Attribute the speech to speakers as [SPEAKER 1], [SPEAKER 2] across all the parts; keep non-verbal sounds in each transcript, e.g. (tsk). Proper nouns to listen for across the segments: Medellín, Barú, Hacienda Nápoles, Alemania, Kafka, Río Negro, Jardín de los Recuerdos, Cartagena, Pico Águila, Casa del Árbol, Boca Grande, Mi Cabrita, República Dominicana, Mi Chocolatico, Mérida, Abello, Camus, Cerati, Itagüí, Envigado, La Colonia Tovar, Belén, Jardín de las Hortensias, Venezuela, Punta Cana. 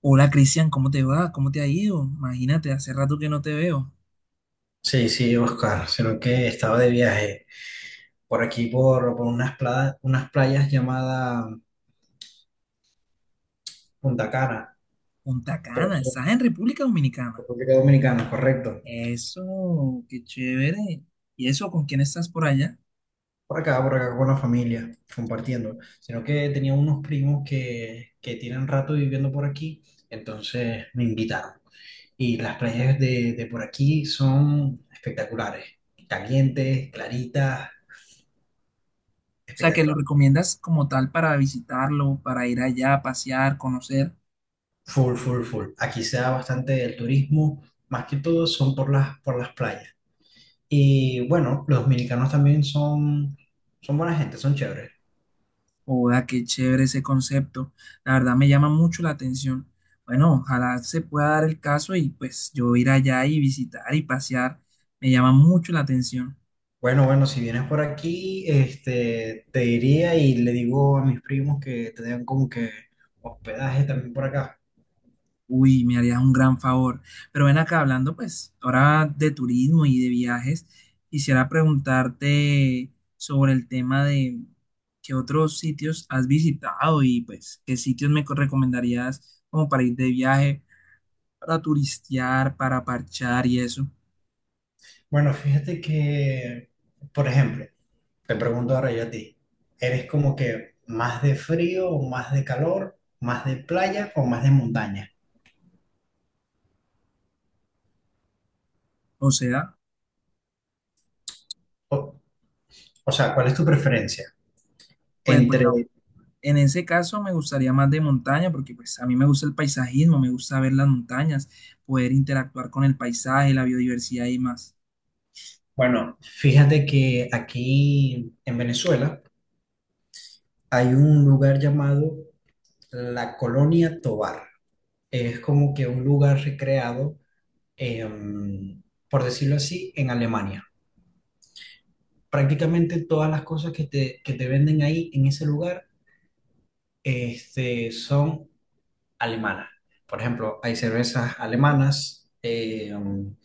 [SPEAKER 1] Hola Cristian, ¿cómo te va? ¿Cómo te ha ido? Imagínate, hace rato que no te veo.
[SPEAKER 2] Sí, sí, Oscar, sino que estaba de viaje por aquí, por unas, unas playas llamadas Punta Cana,
[SPEAKER 1] Punta
[SPEAKER 2] por
[SPEAKER 1] Cana,
[SPEAKER 2] aquí,
[SPEAKER 1] estás en República Dominicana.
[SPEAKER 2] por República Dominicana, correcto.
[SPEAKER 1] Eso, qué chévere. ¿Y eso con quién estás por allá?
[SPEAKER 2] Por acá con la familia, compartiendo. Sino que tenía unos primos que tienen rato viviendo por aquí, entonces me invitaron. Y las playas de por aquí son espectaculares, calientes, claritas,
[SPEAKER 1] O sea, que lo
[SPEAKER 2] espectacular.
[SPEAKER 1] recomiendas como tal para visitarlo, para ir allá, a pasear, conocer.
[SPEAKER 2] Full, full, full. Aquí se da bastante el turismo, más que todo son por las playas. Y bueno, los dominicanos también son, son buena gente, son chéveres.
[SPEAKER 1] Hola, qué chévere ese concepto. La verdad me llama mucho la atención. Bueno, ojalá se pueda dar el caso y pues yo ir allá y visitar y pasear. Me llama mucho la atención.
[SPEAKER 2] Bueno, bueno, si vienes por aquí, te diría y le digo a mis primos que te den como que hospedaje también por acá.
[SPEAKER 1] Uy, me harías un gran favor. Pero ven acá hablando, pues, ahora de turismo y de viajes, quisiera preguntarte sobre el tema de qué otros sitios has visitado y pues qué sitios recomendarías como para ir de viaje, para turistear, para parchar y eso.
[SPEAKER 2] Bueno, fíjate que, por ejemplo, te pregunto ahora yo a ti, ¿eres como que más de frío o más de calor, más de playa o más de montaña?
[SPEAKER 1] O sea,
[SPEAKER 2] O, o sea, ¿cuál es tu preferencia?
[SPEAKER 1] pues
[SPEAKER 2] Entre,
[SPEAKER 1] bueno, en ese caso me gustaría más de montaña porque pues a mí me gusta el paisajismo, me gusta ver las montañas, poder interactuar con el paisaje, la biodiversidad y más.
[SPEAKER 2] bueno, fíjate que aquí en Venezuela, hay un lugar llamado La Colonia Tovar. Es como que un lugar recreado, em, por decirlo así, en Alemania. Prácticamente todas las cosas que te venden ahí en ese lugar son alemanas. Por ejemplo, hay cervezas alemanas.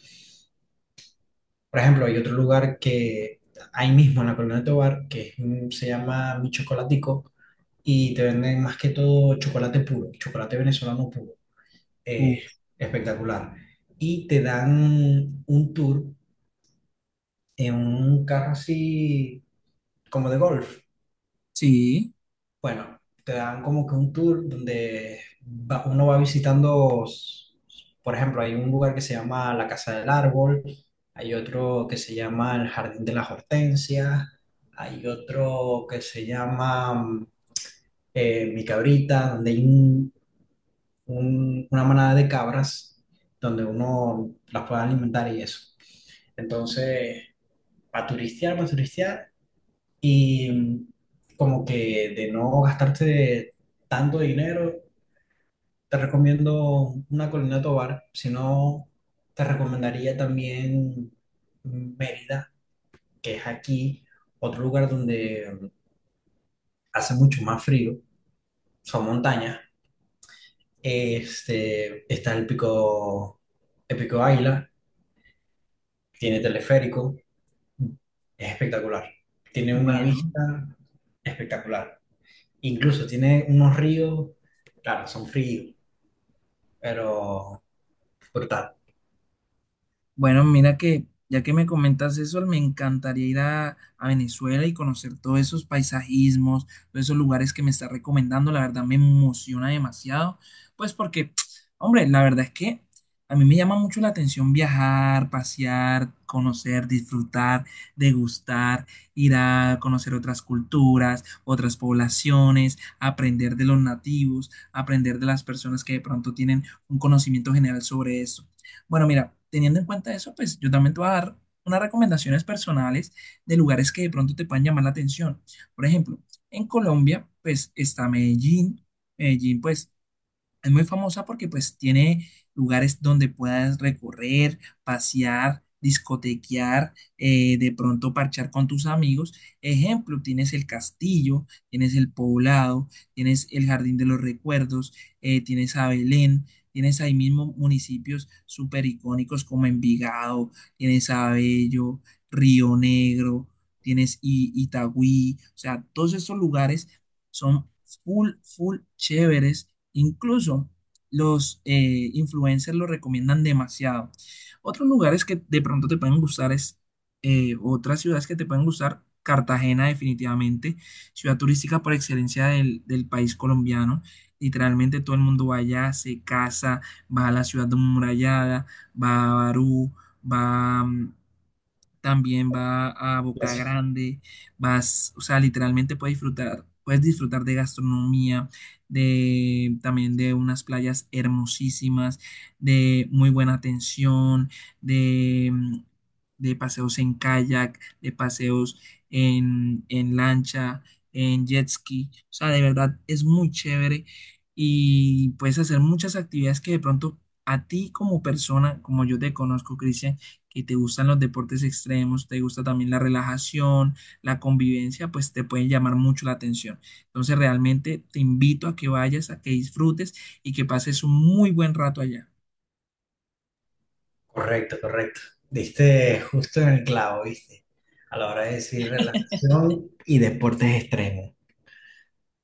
[SPEAKER 2] Por ejemplo, hay otro lugar que ahí mismo en la Colonia Tovar, que se llama Mi Chocolatico, y te venden más que todo chocolate puro, chocolate venezolano puro. eh,
[SPEAKER 1] Uf,
[SPEAKER 2] Espectacular. Y te dan un tour en un carro así como de golf.
[SPEAKER 1] sí.
[SPEAKER 2] Bueno, te dan como que un tour donde uno va visitando, por ejemplo, hay un lugar que se llama la Casa del Árbol, hay otro que se llama el Jardín de las Hortensias, hay otro que se llama Mi Cabrita, donde hay una manada de cabras donde uno las pueda alimentar y eso. Entonces, para turistear y como que de no gastarte tanto dinero, te recomiendo una Colina Tovar, si no, te recomendaría también Mérida, que es aquí otro lugar donde hace mucho más frío, son montañas, está el pico Águila, tiene teleférico, es espectacular. Tiene una
[SPEAKER 1] Bueno,
[SPEAKER 2] vista espectacular. Incluso tiene unos ríos, claro, son fríos, pero brutal.
[SPEAKER 1] bueno, mira que ya que me comentas eso, me encantaría ir a Venezuela y conocer todos esos paisajismos, todos esos lugares que me está recomendando. La verdad me emociona demasiado, pues porque, (tsk) hombre, la verdad es que a mí me llama mucho la atención viajar, pasear, conocer, disfrutar, degustar, ir a conocer otras culturas, otras poblaciones, aprender de los nativos, aprender de las personas que de pronto tienen un conocimiento general sobre esto. Bueno, mira, teniendo en cuenta eso, pues yo también te voy a dar unas recomendaciones personales de lugares que de pronto te puedan llamar la atención. Por ejemplo, en Colombia, pues está Medellín. Medellín, pues es muy famosa porque pues tiene lugares donde puedas recorrer, pasear, discotequear, de pronto parchar con tus amigos. Ejemplo, tienes el castillo, tienes el poblado, tienes el Jardín de los Recuerdos, tienes a Belén, tienes ahí mismo municipios súper icónicos como Envigado, tienes Abello, Río Negro, tienes Itagüí. O sea, todos esos lugares son full, full chéveres. Incluso los influencers lo recomiendan demasiado. Otros lugares que de pronto te pueden gustar es, otras ciudades que te pueden gustar, Cartagena definitivamente, ciudad turística por excelencia del país colombiano. Literalmente todo el mundo va allá, se casa, va a la ciudad amurallada, va a Barú, va también va a
[SPEAKER 2] La
[SPEAKER 1] Boca
[SPEAKER 2] ci-
[SPEAKER 1] Grande, vas, o sea, literalmente puedes disfrutar de gastronomía, de también de unas playas hermosísimas, de muy buena atención, de, mm, de paseos en kayak, de paseos en lancha, en jet ski, o sea, de verdad es muy chévere y puedes hacer muchas actividades que de pronto a ti como persona, como yo te conozco, Cristian, que te gustan los deportes extremos, te gusta también la relajación, la convivencia, pues te pueden llamar mucho la atención. Entonces realmente te invito a que vayas, a que disfrutes y que pases un muy buen rato allá.
[SPEAKER 2] Correcto, correcto. Diste justo en el clavo, ¿viste? A la hora de decir relajación y deportes extremos.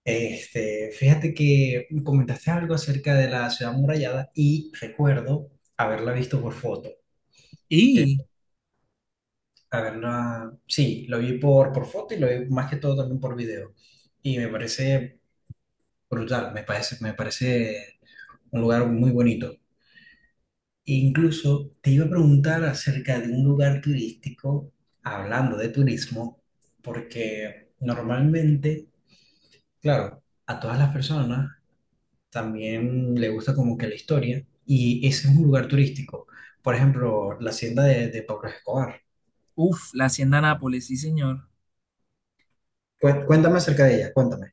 [SPEAKER 2] Fíjate que comentaste algo acerca de la ciudad amurallada y recuerdo haberla visto por foto.
[SPEAKER 1] Y,
[SPEAKER 2] A ver, no, sí, lo vi por foto y lo vi más que todo también por video. Y me parece brutal, me parece un lugar muy bonito. E incluso te iba a preguntar acerca de un lugar turístico, hablando de turismo, porque normalmente, claro, a todas las personas también le gusta como que la historia y ese es un lugar turístico. Por ejemplo, la hacienda de Pablo Escobar.
[SPEAKER 1] uff, la Hacienda Nápoles, sí señor.
[SPEAKER 2] Cuéntame acerca de ella, cuéntame.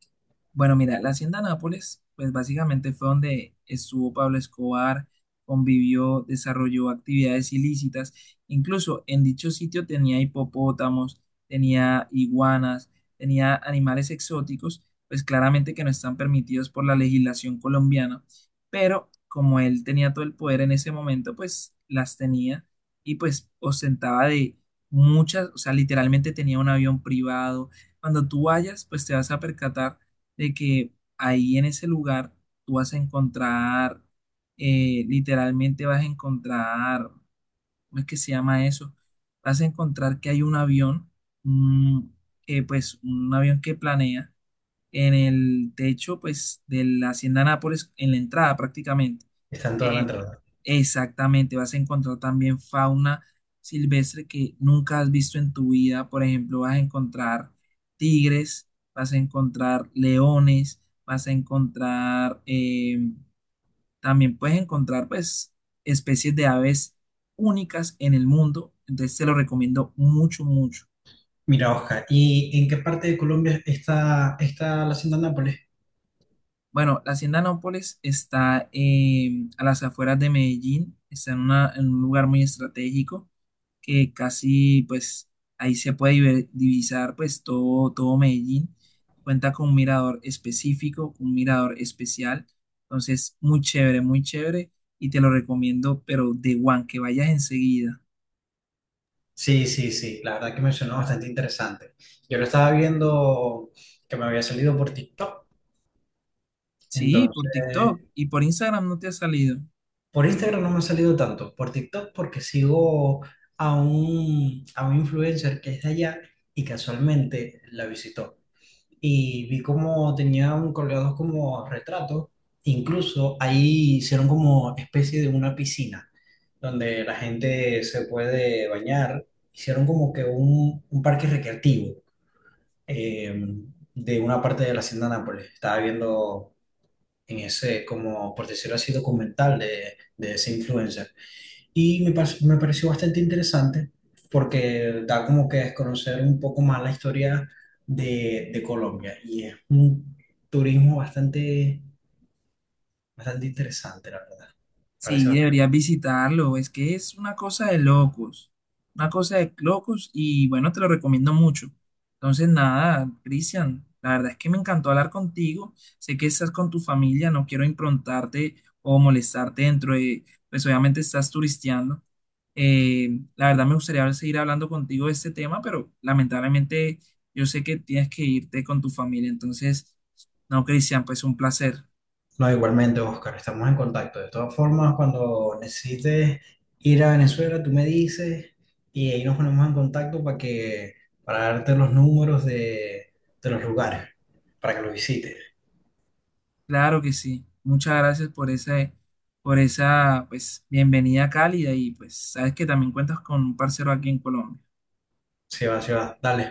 [SPEAKER 1] Bueno, mira, la hacienda Nápoles, pues básicamente fue donde estuvo Pablo Escobar, convivió, desarrolló actividades ilícitas. Incluso en dicho sitio tenía hipopótamos, tenía iguanas, tenía animales exóticos, pues claramente que no están permitidos por la legislación colombiana. Pero como él tenía todo el poder en ese momento, pues las tenía y pues ostentaba de muchas, o sea, literalmente tenía un avión privado. Cuando tú vayas, pues te vas a percatar de que ahí en ese lugar tú vas a encontrar, literalmente vas a encontrar, ¿cómo es que se llama eso? Vas a encontrar que hay un avión, un- que, pues un avión que planea en el techo pues de la Hacienda Nápoles, en la entrada prácticamente.
[SPEAKER 2] Está en toda la
[SPEAKER 1] Eh,
[SPEAKER 2] entrada.
[SPEAKER 1] Exactamente, vas a encontrar también fauna silvestre que nunca has visto en tu vida. Por ejemplo, vas a encontrar tigres, vas a encontrar leones, vas a encontrar, también puedes encontrar pues especies de aves únicas en el mundo. Entonces te lo recomiendo mucho, mucho.
[SPEAKER 2] Mira, Oscar, ¿y en qué parte de Colombia está la hacienda Nápoles?
[SPEAKER 1] Bueno, la Hacienda Nápoles está a las afueras de Medellín, está en un lugar muy estratégico, que casi pues ahí se puede divisar pues todo, todo Medellín. Cuenta con un mirador específico, un mirador especial. Entonces, muy chévere y te lo recomiendo, pero de one, que vayas enseguida.
[SPEAKER 2] Sí, sí, sí, la verdad que me sonó bastante interesante. Yo lo estaba viendo que me había salido por TikTok,
[SPEAKER 1] Sí,
[SPEAKER 2] entonces
[SPEAKER 1] por TikTok y por Instagram no te ha salido.
[SPEAKER 2] por Instagram no me ha salido tanto, por TikTok porque sigo a a un influencer que es de allá y casualmente la visitó. Y vi como tenían colgados como retratos, incluso ahí hicieron como especie de una piscina donde la gente se puede bañar, hicieron como que un parque recreativo eh, de una parte de la hacienda Nápoles. Estaba viendo en ese, como por decirlo así, documental de ese influencer. Y me pareció bastante interesante porque da como que desconocer un poco más la historia de Colombia y es un turismo bastante, bastante interesante, la verdad. Parece
[SPEAKER 1] Sí,
[SPEAKER 2] bastante-
[SPEAKER 1] deberías visitarlo. Es que es una cosa de locos. Una cosa de locos y bueno, te lo recomiendo mucho. Entonces, nada, Cristian, la verdad es que me encantó hablar contigo. Sé que estás con tu familia, no quiero improntarte o molestarte dentro de, pues obviamente estás turisteando. La verdad me gustaría seguir hablando contigo de este tema, pero lamentablemente yo sé que tienes que irte con tu familia. Entonces, no, Cristian, pues un placer.
[SPEAKER 2] No, igualmente, Oscar, estamos en contacto. De todas formas, cuando necesites ir a Venezuela, tú me dices y ahí nos ponemos en contacto para que, para darte los números de los lugares, para que los visites.
[SPEAKER 1] Claro que sí. Muchas gracias por esa, pues, bienvenida cálida y pues sabes que también cuentas con un parcero aquí en Colombia.
[SPEAKER 2] Sí va, dale.